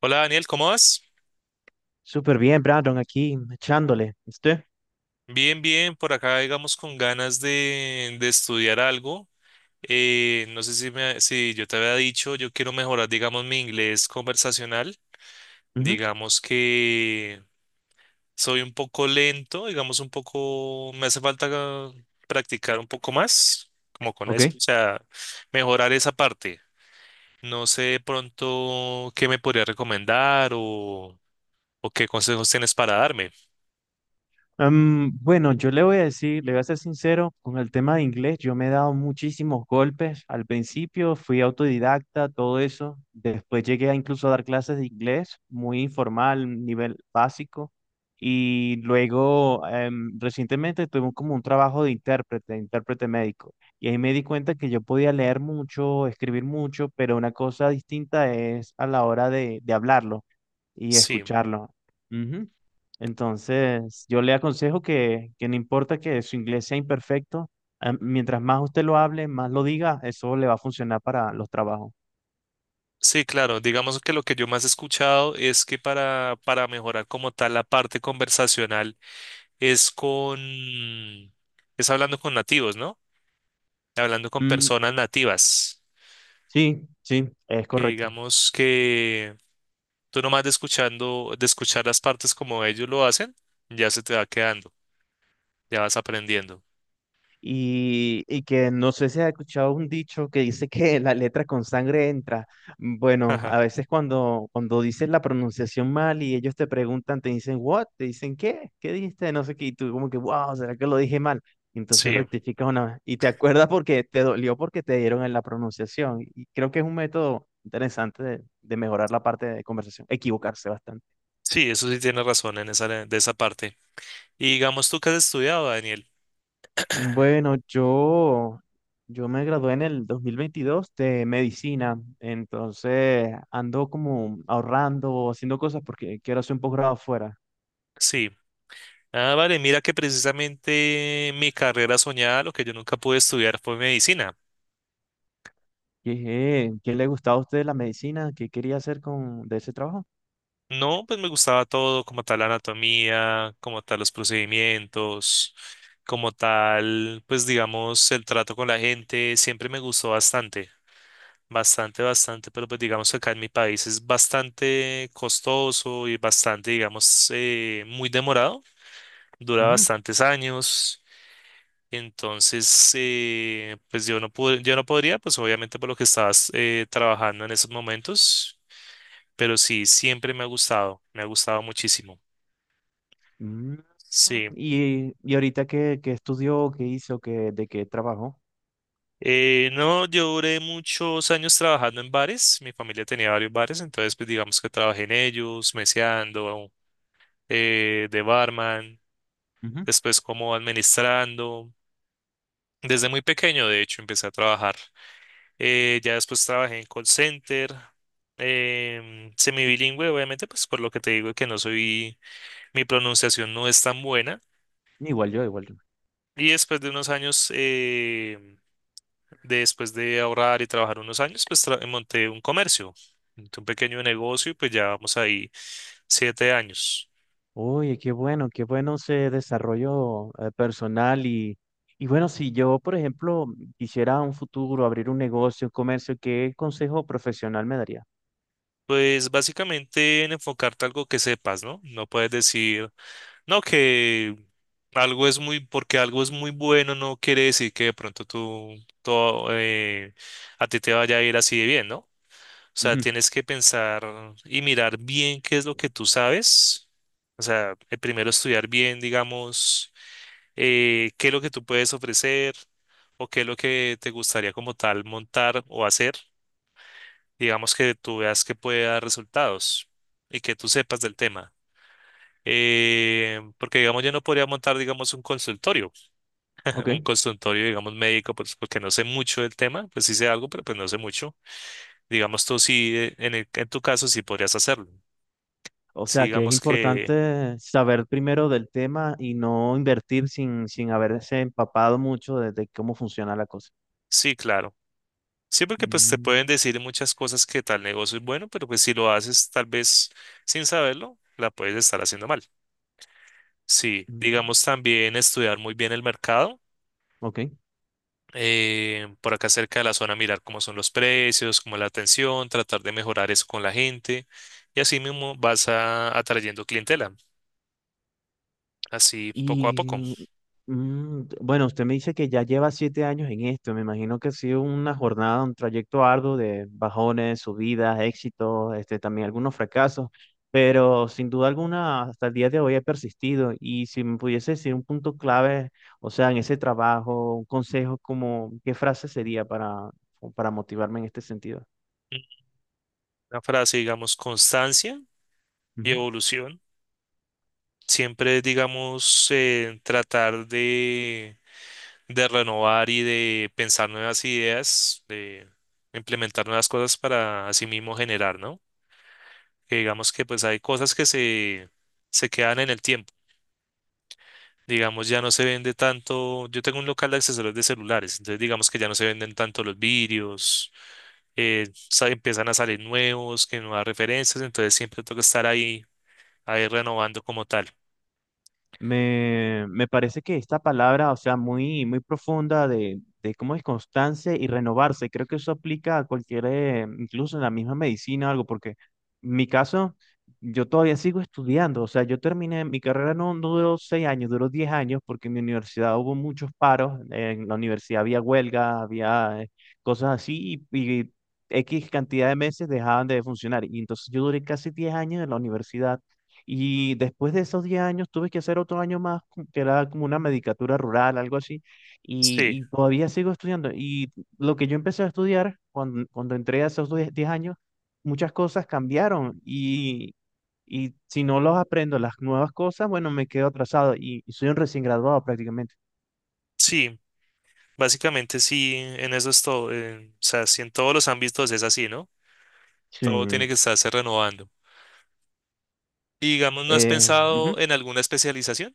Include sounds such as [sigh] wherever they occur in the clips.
Hola Daniel, ¿cómo vas? Súper bien, Brandon, aquí echándole. ¿Usted? Bien, bien, por acá digamos con ganas de estudiar algo. No sé si, si yo te había dicho, yo quiero mejorar digamos mi inglés conversacional. Ujú. Digamos que soy un poco lento, digamos un poco, me hace falta practicar un poco más, como con eso, Ok. o sea, mejorar esa parte. No sé de pronto qué me podría recomendar o qué consejos tienes para darme. Bueno, yo le voy a decir, le voy a ser sincero, con el tema de inglés, yo me he dado muchísimos golpes. Al principio fui autodidacta, todo eso. Después llegué a incluso a dar clases de inglés, muy informal, nivel básico. Y luego, recientemente tuve como un trabajo de intérprete, intérprete médico. Y ahí me di cuenta que yo podía leer mucho, escribir mucho, pero una cosa distinta es a la hora de hablarlo y Sí. escucharlo. Ujú. Entonces, yo le aconsejo que no importa que su inglés sea imperfecto, mientras más usted lo hable, más lo diga, eso le va a funcionar para los trabajos. Sí, claro. Digamos que lo que yo más he escuchado es que para mejorar como tal la parte conversacional es con, es hablando con nativos, ¿no? Hablando con Mm, personas nativas. sí, sí. Es Que correcto. digamos que tú nomás de escuchando, de escuchar las partes como ellos lo hacen, ya se te va quedando, ya vas aprendiendo. Y que no sé si has escuchado un dicho que dice que la letra con sangre entra. Bueno, a Ajá. veces cuando, cuando dices la pronunciación mal y ellos te preguntan, te dicen, ¿what? Te dicen, ¿qué? ¿Qué dijiste? No sé qué. Y tú como que, wow, ¿será que lo dije mal? Y entonces Sí, rectificas una vez. Y te acuerdas porque te dolió porque te dieron en la pronunciación. Y creo que es un método interesante de mejorar la parte de conversación, equivocarse bastante. sí, eso sí tienes razón en esa, de esa parte. Y digamos tú que has estudiado, Daniel. [clears throat] Bueno, yo me gradué en el 2022 de medicina, entonces ando como ahorrando, haciendo cosas porque quiero hacer un posgrado afuera. Sí. Ah, vale, mira que precisamente mi carrera soñada, lo que yo nunca pude estudiar fue medicina. ¿Qué le gustaba a usted la medicina? ¿Qué quería hacer con de ese trabajo? No, pues me gustaba todo, como tal la anatomía, como tal los procedimientos, como tal, pues digamos, el trato con la gente, siempre me gustó bastante, bastante, bastante, pero pues digamos que acá en mi país es bastante costoso y bastante, digamos, muy demorado, dura Ujú. bastantes años. Entonces, pues yo no pude, yo no podría, pues obviamente por lo que estabas trabajando en esos momentos, pero sí, siempre me ha gustado muchísimo. Mm. Sí. ¿Y ahorita qué estudió, qué hizo, qué, de qué trabajó? No, yo duré muchos años trabajando en bares, mi familia tenía varios bares, entonces pues digamos que trabajé en ellos, meseando, de barman, Ujú. después como administrando, desde muy pequeño de hecho empecé a trabajar. Ya después trabajé en call center, semibilingüe, obviamente, pues por lo que te digo que no soy, mi pronunciación no es tan buena. Igual yo, igual yo. Y después de unos años, después de ahorrar y trabajar unos años, pues monté un comercio, monté un pequeño negocio, y pues ya vamos ahí 7 años. Oye, qué bueno ese desarrollo personal y bueno, si yo, por ejemplo, quisiera un futuro abrir un negocio, un comercio, ¿qué consejo profesional me daría? Pues básicamente en enfocarte a algo que sepas, ¿no? No puedes decir... No, que algo es muy, porque algo es muy bueno, no quiere decir que de pronto tú, todo, a ti te vaya a ir así de bien, ¿no? O sea, Ujú. tienes que pensar y mirar bien qué es lo que tú sabes. O sea, primero estudiar bien, digamos, qué es lo que tú puedes ofrecer o qué es lo que te gustaría como tal montar o hacer. Digamos que tú veas que puede dar resultados y que tú sepas del tema. Porque, digamos, yo no podría montar, digamos, un consultorio, [laughs] Ok. un consultorio, digamos, médico, pues porque no sé mucho del tema, pues sí sé algo, pero pues no sé mucho. Digamos, tú sí, en tu caso, sí podrías hacerlo. O Sí, sea, que es digamos que, importante saber primero del tema y no invertir sin haberse empapado mucho de cómo funciona la cosa. sí, claro. Sí, porque pues te Mm. pueden decir muchas cosas que tal negocio es bueno, pero pues si lo haces tal vez sin saberlo, la puedes estar haciendo mal. Sí, Mm. digamos también estudiar muy bien el mercado Ok. Por acá cerca de la zona, mirar cómo son los precios, cómo es la atención, tratar de mejorar eso con la gente y así mismo atrayendo clientela, así poco a poco. Y bueno, usted me dice que ya lleva 7 años en esto. Me imagino que ha sido una jornada, un trayecto arduo de bajones, subidas, éxitos, este, también algunos fracasos. Pero sin duda alguna, hasta el día de hoy he persistido. Y si me pudiese decir un punto clave, o sea, en ese trabajo, un consejo, como, ¿qué frase sería para motivarme en este sentido? Mm. Una frase, digamos, constancia y evolución. Siempre, digamos, tratar de renovar y de pensar nuevas ideas, de implementar nuevas cosas para así mismo generar, ¿no? Que digamos que pues hay cosas que se quedan en el tiempo. Digamos, ya no se vende tanto. Yo tengo un local de accesorios de celulares, entonces digamos que ya no se venden tanto los vidrios, empiezan a salir nuevos, que nuevas referencias, entonces siempre toca estar ahí, ahí renovando como tal. Me parece que esta palabra, o sea, muy, muy profunda de cómo es constancia y renovarse, creo que eso aplica a cualquier, incluso en la misma medicina o algo, porque en mi caso, yo todavía sigo estudiando, o sea, yo terminé, mi carrera no, no duró 6 años, duró 10 años, porque en mi universidad hubo muchos paros, en la universidad había huelga, había cosas así, y X cantidad de meses dejaban de funcionar, y entonces yo duré casi 10 años en la universidad y después de esos 10 años tuve que hacer otro año más, como que era como una medicatura rural, algo así, Sí, y todavía sigo estudiando. Y lo que yo empecé a estudiar cuando, cuando entré a esos 10 10 años, muchas cosas cambiaron y si no los aprendo, las nuevas cosas, bueno, me quedo atrasado y soy un recién graduado prácticamente. sí, básicamente sí, en eso es todo. O sea, si en todos los ámbitos es así, ¿no? Todo tiene Sí. que estarse renovando. Y digamos, ¿no has Eh, pensado ujú. en alguna especialización?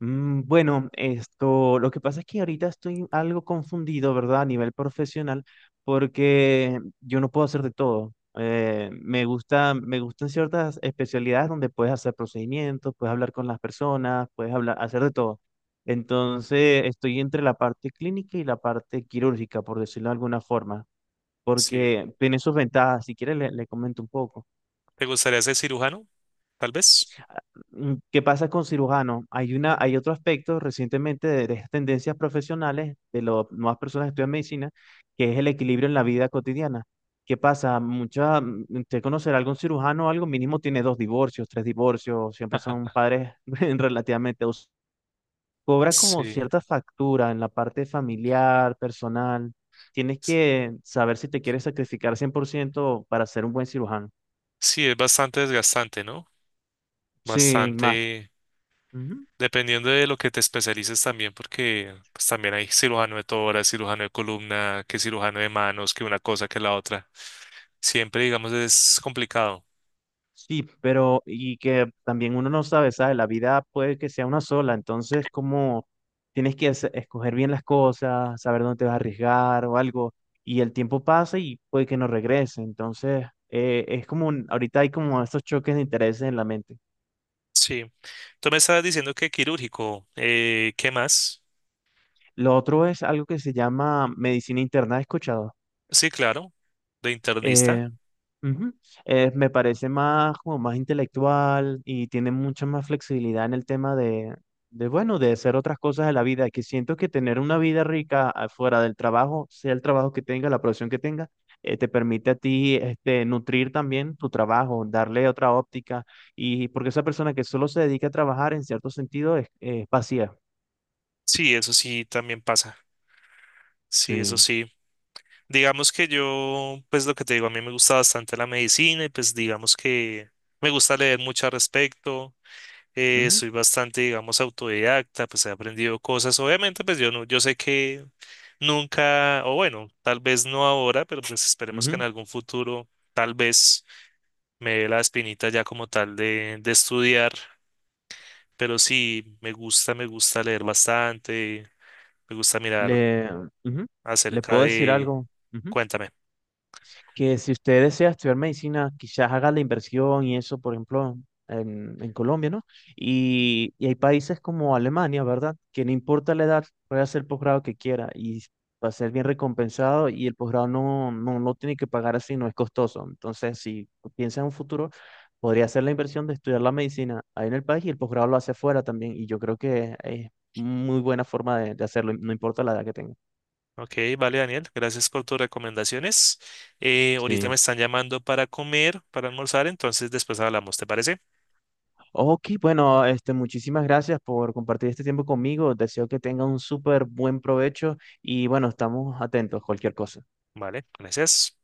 Bueno, esto, lo que pasa es que ahorita estoy algo confundido, ¿verdad? A nivel profesional, porque yo no puedo hacer de todo. Me gusta, me gustan ciertas especialidades donde puedes hacer procedimientos, puedes hablar con las personas, puedes hablar, hacer de todo. Entonces, estoy entre la parte clínica y la parte quirúrgica, por decirlo de alguna forma, Sí. porque tiene sus ventajas. Si quieres, le comento un poco. ¿Te gustaría ser cirujano? Tal vez. ¿Qué pasa con cirujanos? Hay una, hay otro aspecto recientemente de estas tendencias profesionales de las nuevas personas que estudian medicina, que es el equilibrio en la vida cotidiana. ¿Qué pasa? Mucha, usted conocerá algún cirujano o algo, mínimo tiene dos divorcios, tres divorcios, siempre son [laughs] padres [laughs] relativamente. Cobra como Sí. cierta factura en la parte familiar, personal. Tienes que saber si te quieres sacrificar 100% para ser un buen cirujano. Sí, es bastante desgastante, ¿no? Sí, más. Bastante, dependiendo de lo que te especialices también, porque pues, también hay cirujano de tórax, cirujano de columna, que cirujano de manos, que una cosa, que la otra. Siempre, digamos, es complicado. Sí, pero y que también uno no sabe, ¿sabes? La vida puede que sea una sola, entonces como tienes que escoger bien las cosas, saber dónde te vas a arriesgar o algo, y el tiempo pasa y puede que no regrese, entonces es como, ahorita hay como estos choques de intereses en la mente. Sí. Tú me estabas diciendo que quirúrgico. ¿Qué más? Lo otro es algo que se llama medicina interna, ¿has escuchado? Sí, claro. De internista. Eh, Ujú. Me parece más como más intelectual y tiene mucha más flexibilidad en el tema bueno, de hacer otras cosas de la vida, que siento que tener una vida rica fuera del trabajo, sea el trabajo que tenga, la profesión que tenga, te permite a ti este, nutrir también tu trabajo, darle otra óptica, y porque esa persona que solo se dedica a trabajar en cierto sentido es vacía. Sí, eso sí también pasa. Sí, eso Sí. sí. Digamos que yo, pues lo que te digo, a mí me gusta bastante la medicina y pues digamos que me gusta leer mucho al respecto. Ujú, Soy bastante, digamos, autodidacta, pues he aprendido cosas. Obviamente, pues yo no, yo sé que nunca, o bueno, tal vez no ahora, pero pues esperemos que en ujú. algún futuro, tal vez me dé la espinita ya como tal de estudiar. Pero sí, me gusta leer bastante, me gusta mirar Le, ujú. Le acerca puedo decir de, algo. Ujú. cuéntame. Que si usted desea estudiar medicina, quizás haga la inversión y eso, por ejemplo, en Colombia, ¿no? Y hay países como Alemania, ¿verdad? Que no importa la edad, puede hacer el posgrado que quiera y va a ser bien recompensado y el posgrado no, no, no tiene que pagar así, no es costoso. Entonces, si piensa en un futuro, podría hacer la inversión de estudiar la medicina ahí en el país y el posgrado lo hace afuera también. Y yo creo que es muy buena forma de hacerlo, no importa la edad que tenga. Ok, vale, Daniel, gracias por tus recomendaciones. Ahorita me Sí. están llamando para comer, para almorzar, entonces después hablamos, ¿te parece? Ok, bueno, este, muchísimas gracias por compartir este tiempo conmigo. Deseo que tenga un súper buen provecho y bueno, estamos atentos, a cualquier cosa. Vale, gracias.